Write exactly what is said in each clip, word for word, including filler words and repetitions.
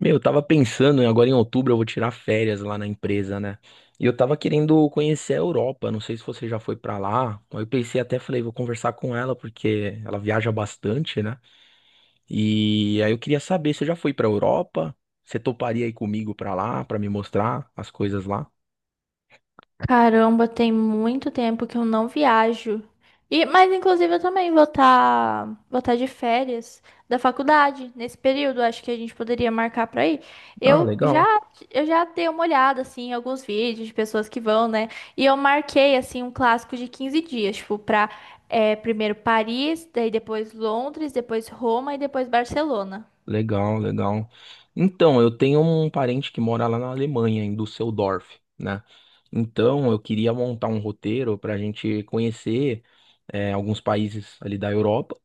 Meu, eu tava pensando, né, agora em outubro eu vou tirar férias lá na empresa, né? E eu tava querendo conhecer a Europa, não sei se você já foi pra lá. Aí eu pensei até, falei, vou conversar com ela porque ela viaja bastante, né? E aí eu queria saber, você já foi pra Europa? Você toparia ir comigo pra lá, pra me mostrar as coisas lá? Caramba, tem muito tempo que eu não viajo. E, mas inclusive eu também vou estar vou tá de férias da faculdade nesse período. Acho que a gente poderia marcar para ir. Ah, Eu legal. já eu já dei uma olhada assim em alguns vídeos de pessoas que vão, né? E eu marquei assim um clássico de quinze dias, tipo, para primeiro Paris, daí depois Londres, depois Roma e depois Barcelona. Legal, legal. Então, eu tenho um parente que mora lá na Alemanha, em Düsseldorf, né? Então, eu queria montar um roteiro para a gente conhecer é, alguns países ali da Europa.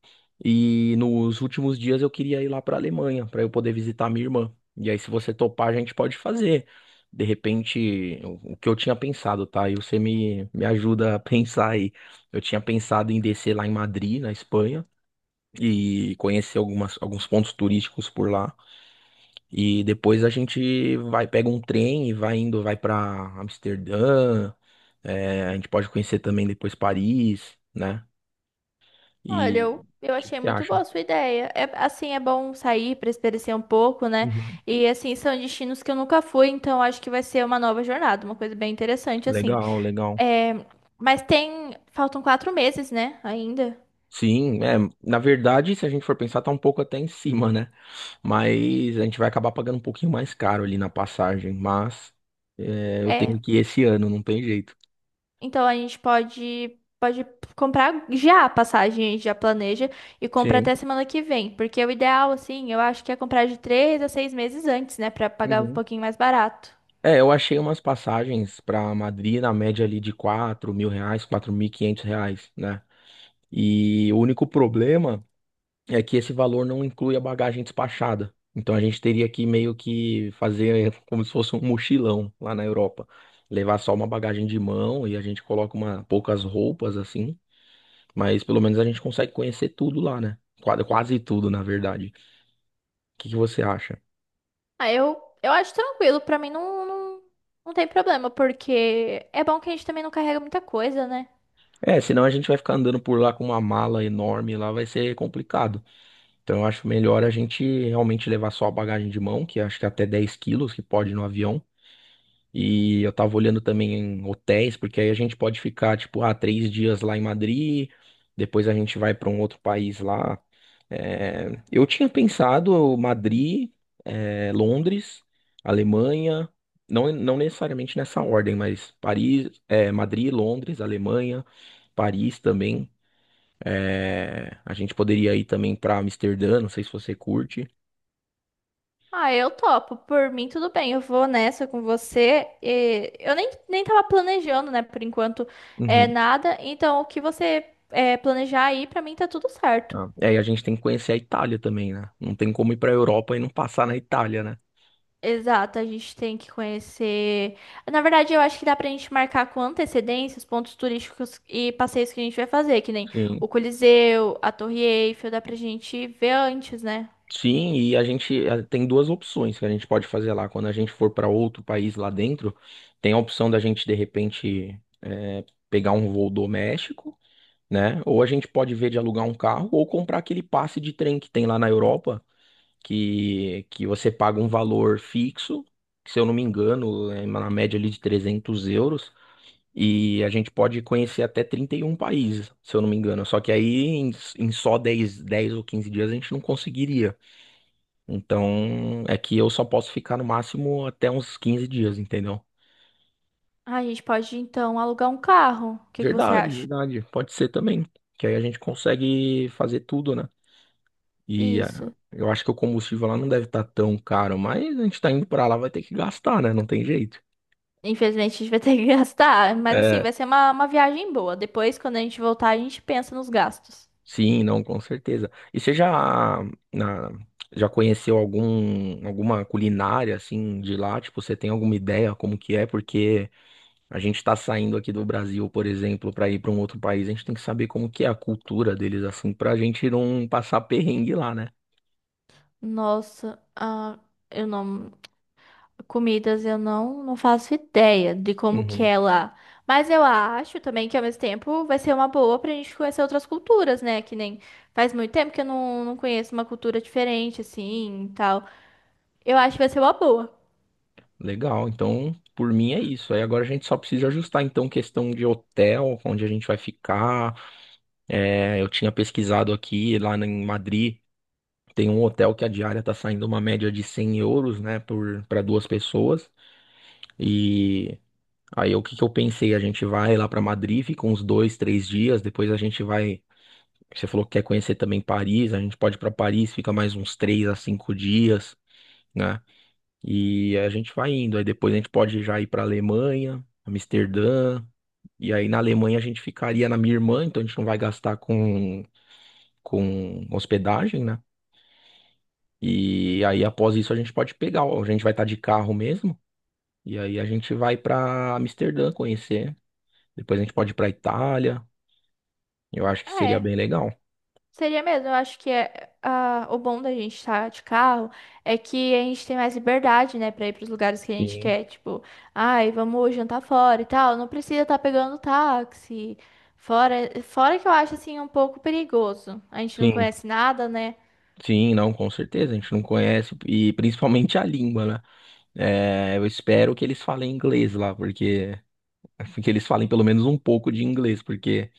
E nos últimos dias eu queria ir lá para a Alemanha, para eu poder visitar minha irmã. E aí, se você topar, a gente pode fazer. De repente, o o que eu tinha pensado, tá? E você me, me ajuda a pensar aí. Eu tinha pensado em descer lá em Madrid, na Espanha e conhecer algumas, alguns pontos turísticos por lá. E depois a gente vai, pega um trem e vai indo, vai para Amsterdã. É, a gente pode conhecer também depois Paris, né? Olha, E eu, eu o que que achei você muito acha? boa a sua ideia. É, assim, é bom sair para espairecer um pouco, né? Uhum. E assim, são destinos que eu nunca fui, então acho que vai ser uma nova jornada, uma coisa bem interessante, assim. Legal, legal. É, mas tem, faltam quatro meses, né? Ainda. Sim, é, na verdade, se a gente for pensar, tá um pouco até em cima, né? E- Mas a gente vai acabar pagando um pouquinho mais caro ali na passagem, mas é, eu tenho É, que ir esse ano, não tem jeito. então a gente pode, pode comprar já a passagem, a gente já planeja e compra Sim. até semana que vem, porque o ideal, assim, eu acho que é comprar de três a seis meses antes, né? Para pagar um Uhum. pouquinho mais barato. É, eu achei umas passagens para Madrid na média ali de quatro mil reais, quatro mil e quinhentos reais, né? E o único problema é que esse valor não inclui a bagagem despachada. Então a gente teria que meio que fazer como se fosse um mochilão lá na Europa. Levar só uma bagagem de mão e a gente coloca uma, poucas roupas assim, mas pelo menos a gente consegue conhecer tudo lá, né? Qua- Quase tudo, na verdade. O que que você acha? Ah, eu, eu acho tranquilo, pra mim não, não, não tem problema, porque é bom que a gente também não carrega muita coisa, né? É, senão a gente vai ficar andando por lá com uma mala enorme, lá vai ser complicado. Então eu acho melhor a gente realmente levar só a bagagem de mão, que acho que é até dez quilos que pode no avião. E eu tava olhando também em hotéis, porque aí a gente pode ficar, tipo, ah, três dias lá em Madrid, depois a gente vai para um outro país lá. É, eu tinha pensado Madrid, é, Londres, Alemanha, não, não necessariamente nessa ordem, mas Paris, é, Madrid, Londres, Alemanha, Paris também. É, a gente poderia ir também para Amsterdã, não sei se você curte. Ah, eu topo, por mim tudo bem, eu vou nessa com você. E eu nem, nem tava planejando, né, por enquanto é Uhum. nada, então o que você é, planejar aí, pra mim tá tudo certo. Ah, e aí a gente tem que conhecer a Itália também, né? Não tem como ir para a Europa e não passar na Itália, né? Exato, a gente tem que conhecer. Na verdade, eu acho que dá pra gente marcar com antecedência os pontos turísticos e passeios que a gente vai fazer, que nem Sim. o Coliseu, a Torre Eiffel, dá pra gente ver antes, né? Sim, e a gente eh, tem duas opções que a gente pode fazer lá. Quando a gente for para outro país lá dentro, tem a opção da gente, de repente, eh, pegar um voo doméstico, né? Ou a gente pode ver de alugar um carro ou comprar aquele passe de trem que tem lá na Europa que, que você paga um valor fixo, que, se eu não me engano, é na média ali de trezentos euros, e a gente pode conhecer até trinta e um países, se eu não me engano. Só que aí em, em só dez, dez ou quinze dias a gente não conseguiria. Então é que eu só posso ficar no máximo até uns quinze dias, entendeu? Ah, a gente pode então alugar um carro. O que que você Verdade, acha? verdade. Pode ser também. Que aí a gente consegue fazer tudo, né? E ah, Isso. eu acho que o combustível lá não deve estar tão caro, mas a gente tá indo pra lá, vai ter que gastar, né? Não tem jeito. Infelizmente a gente vai ter que gastar, mas assim, É, vai ser uma, uma viagem boa. Depois, quando a gente voltar, a gente pensa nos gastos. sim, não, com certeza. E você já, na- já conheceu algum, alguma culinária assim de lá? Tipo, você tem alguma ideia como que é? Porque a gente tá saindo aqui do Brasil, por exemplo, para ir para um outro país, a gente tem que saber como que é a cultura deles assim, pra gente não passar perrengue lá, né? Nossa, ah, eu não. Comidas eu não, não faço ideia de como que Uhum. é lá. Mas eu acho também que ao mesmo tempo vai ser uma boa pra gente conhecer outras culturas, né? Que nem faz muito tempo que eu não, não conheço uma cultura diferente, assim, e tal. Eu acho que vai ser uma boa. Legal. Então, por mim é isso. Aí agora a gente só precisa ajustar então questão de hotel, onde a gente vai ficar. É, eu tinha pesquisado aqui lá em Madrid. Tem um hotel que a diária tá saindo uma média de cem euros, né, por para duas pessoas. E aí o que que eu pensei? A gente vai lá para Madrid, fica uns dois, três dias. Depois a gente vai. Você falou que quer conhecer também Paris. A gente pode ir para Paris, fica mais uns três a cinco dias, né? E a gente vai indo. Aí depois a gente pode já ir para Alemanha, Amsterdã. E aí na Alemanha a gente ficaria na minha irmã, então a gente não vai gastar com com hospedagem, né? E aí, após isso, a gente pode pegar, ó, a gente vai estar de carro mesmo. E aí a gente vai pra Amsterdã conhecer. Depois a gente pode ir pra Itália. Eu acho que Ah, seria é. bem legal. Seria mesmo, eu acho que é, ah, o bom da gente estar de carro é que a gente tem mais liberdade, né, pra ir pros lugares que a gente Sim, quer, tipo, ai, vamos jantar fora e tal, não precisa estar pegando táxi. Fora, fora que eu acho assim um pouco perigoso. A gente não sim, conhece nada, né? sim, não, com certeza. A gente não conhece, e principalmente a língua, né? É, eu espero que eles falem inglês lá, porque. Que eles falem pelo menos um pouco de inglês, porque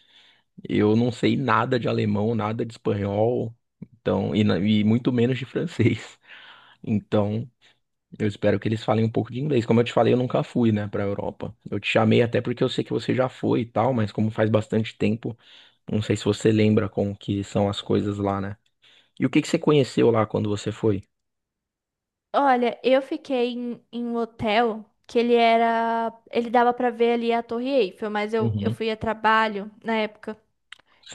eu não sei nada de alemão, nada de espanhol, então, e, na- e muito menos de francês. Então, eu espero que eles falem um pouco de inglês. Como eu te falei, eu nunca fui, né, para Europa. Eu te chamei até porque eu sei que você já foi e tal, mas como faz bastante tempo, não sei se você lembra como que são as coisas lá, né? E o que que você conheceu lá quando você foi? Olha, eu fiquei em, em um hotel que ele era, ele dava pra ver ali a Torre Eiffel, mas eu, eu Uhum, fui a trabalho na época.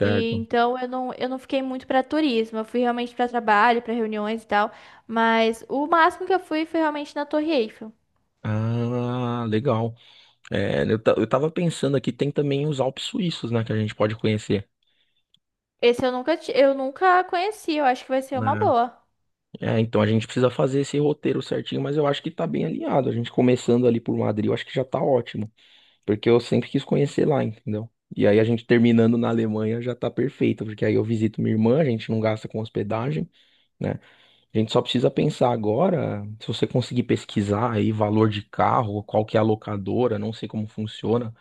E então eu não, eu não fiquei muito para turismo, eu fui realmente para trabalho, para reuniões e tal, mas o máximo que eu fui foi realmente na Torre Eiffel. Ah, legal. É, eu, ta- eu tava pensando aqui, tem também os Alpes suíços, né, que a gente pode conhecer. Esse eu nunca, ti- eu nunca conheci, eu acho que vai ser uma boa. É, é, então a gente precisa fazer esse roteiro certinho, mas eu acho que tá bem alinhado. A gente começando ali por Madrid, eu acho que já tá ótimo. Porque eu sempre quis conhecer lá, entendeu? E aí a gente terminando na Alemanha já tá perfeito, porque aí eu visito minha irmã, a gente não gasta com hospedagem, né? A gente só precisa pensar agora, se você conseguir pesquisar aí valor de carro, qual que é a locadora, não sei como funciona,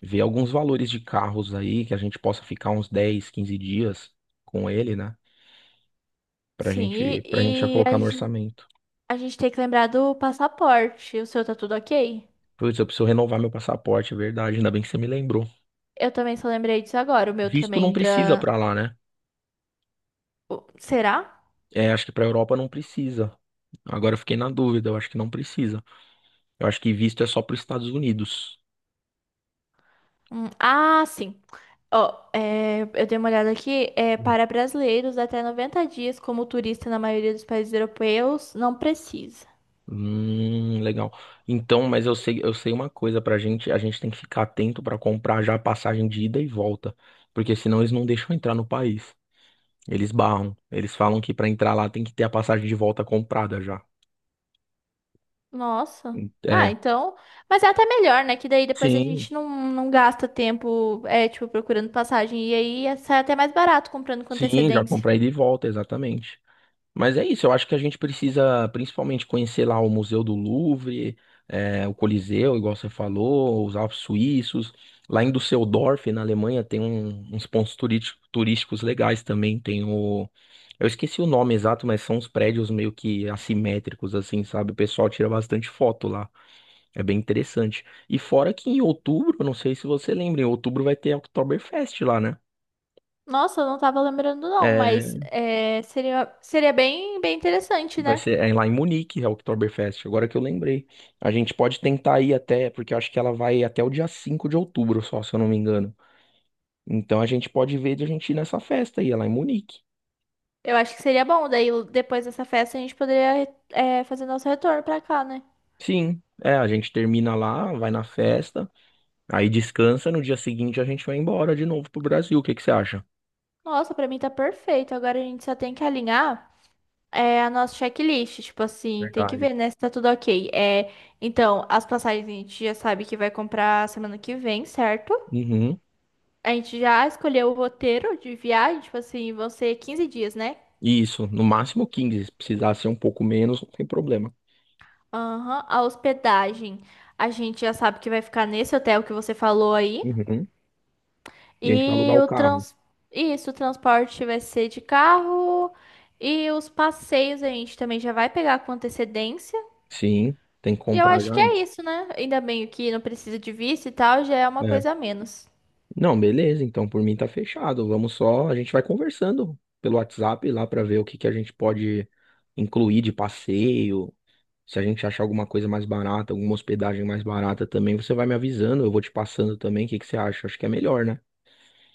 ver alguns valores de carros aí que a gente possa ficar uns dez, quinze dias com ele, né? Pra Sim, gente, pra gente já e, e a, colocar no gen- orçamento. a gente tem que lembrar do passaporte. O seu tá tudo ok? Putz, eu preciso renovar meu passaporte, é verdade, ainda bem que você me lembrou. Eu também só lembrei disso agora, o meu Visto não também precisa da. pra lá, né? o- Será? É, acho que pra Europa não precisa. Agora eu fiquei na dúvida, eu acho que não precisa. Eu acho que visto é só para os Estados Unidos. Hum, ah, sim. Ó, é, eu dei uma olhada aqui. É, Hum. para brasileiros, até noventa dias como turista na maioria dos países europeus, não precisa. Hum, legal. Então, mas eu sei, eu sei uma coisa pra gente, a gente tem que ficar atento pra comprar já a passagem de ida e volta, porque senão eles não deixam entrar no país. Eles barram. Eles falam que pra entrar lá tem que ter a passagem de volta comprada já. Nossa. Ah, É. então. Mas é até melhor, né? Que daí depois a Sim, gente não, não gasta tempo, é, tipo, procurando passagem. E aí é- sai até mais barato comprando com sim, já antecedência. comprei de volta, exatamente. Mas é isso, eu acho que a gente precisa principalmente conhecer lá o Museu do Louvre, eh, o Coliseu, igual você falou, os Alpes Suíços. Lá em Düsseldorf, na Alemanha, tem um- uns pontos turístico- turísticos legais também. Tem o. Eu esqueci o nome exato, mas são uns prédios meio que assimétricos, assim, sabe? O pessoal tira bastante foto lá. É bem interessante. E fora que em outubro, não sei se você lembra, em outubro vai ter a Oktoberfest lá, né? Nossa, eu não tava lembrando, não, mas É, é, seria, seria bem, bem interessante, vai né? ser é lá em Munique, é o Oktoberfest, agora que eu lembrei. A gente pode tentar ir até, porque eu acho que ela vai até o dia cinco de outubro só, se eu não me engano. Então a gente pode ver de a gente ir nessa festa aí, é lá em Munique. Eu acho que seria bom. Daí depois dessa festa a gente poderia, é, fazer nosso retorno pra cá, né? Sim, é, a gente termina lá, vai na festa, aí descansa, no dia seguinte a gente vai embora de novo pro Brasil. O que que você acha? Nossa, pra mim tá perfeito. Agora a gente só tem que alinhar. É a nossa checklist, tipo assim, tem que Verdade. ver, né, se tá tudo ok. É, então, as passagens a gente já sabe que vai comprar semana que vem, certo? Uhum. A gente já escolheu o roteiro de viagem, tipo assim, vão ser quinze dias, né? Isso, no máximo quinze, se precisar ser um pouco menos, não tem problema. Aham, a hospedagem, a gente já sabe que vai ficar nesse hotel que você falou aí. Uhum. E a gente vai alugar E o o carro. trans... Isso, o transporte vai ser de carro. E os passeios a gente também já vai pegar com antecedência. Sim, tem que E eu comprar acho já que é antes. isso, né? Ainda bem que não precisa de visto e tal, já é uma É. coisa a menos. Não, beleza, então por mim tá fechado. Vamos só, a gente vai conversando pelo WhatsApp lá pra ver o que que a gente pode incluir de passeio. Se a gente achar alguma coisa mais barata, alguma hospedagem mais barata também, você vai me avisando, eu vou te passando também. O que que você acha? Acho que é melhor, né?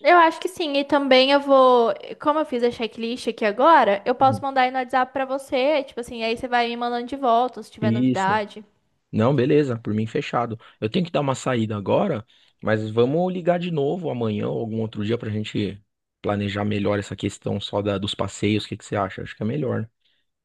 Eu acho que sim, e também eu vou, como eu fiz a checklist aqui agora, eu posso Hum. mandar aí no WhatsApp pra você, tipo assim, aí você vai me mandando de volta se tiver Isso. novidade. Não, beleza, por mim fechado. Eu tenho que dar uma saída agora, mas vamos ligar de novo amanhã ou algum outro dia pra gente planejar melhor essa questão só da, dos passeios. O que que você acha? Acho que é melhor, né?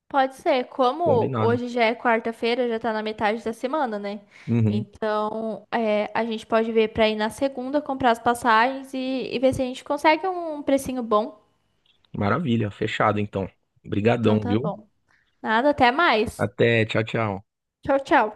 Pode ser, como Combinado. hoje já é quarta-feira, já tá na metade da semana, né? Uhum. Então, é, a gente pode ver pra ir na segunda, comprar as passagens e, e ver se a gente consegue um precinho bom. Maravilha, fechado então. Então Obrigadão, tá viu? bom. Nada, até mais. Até, tchau, tchau. Tchau, tchau.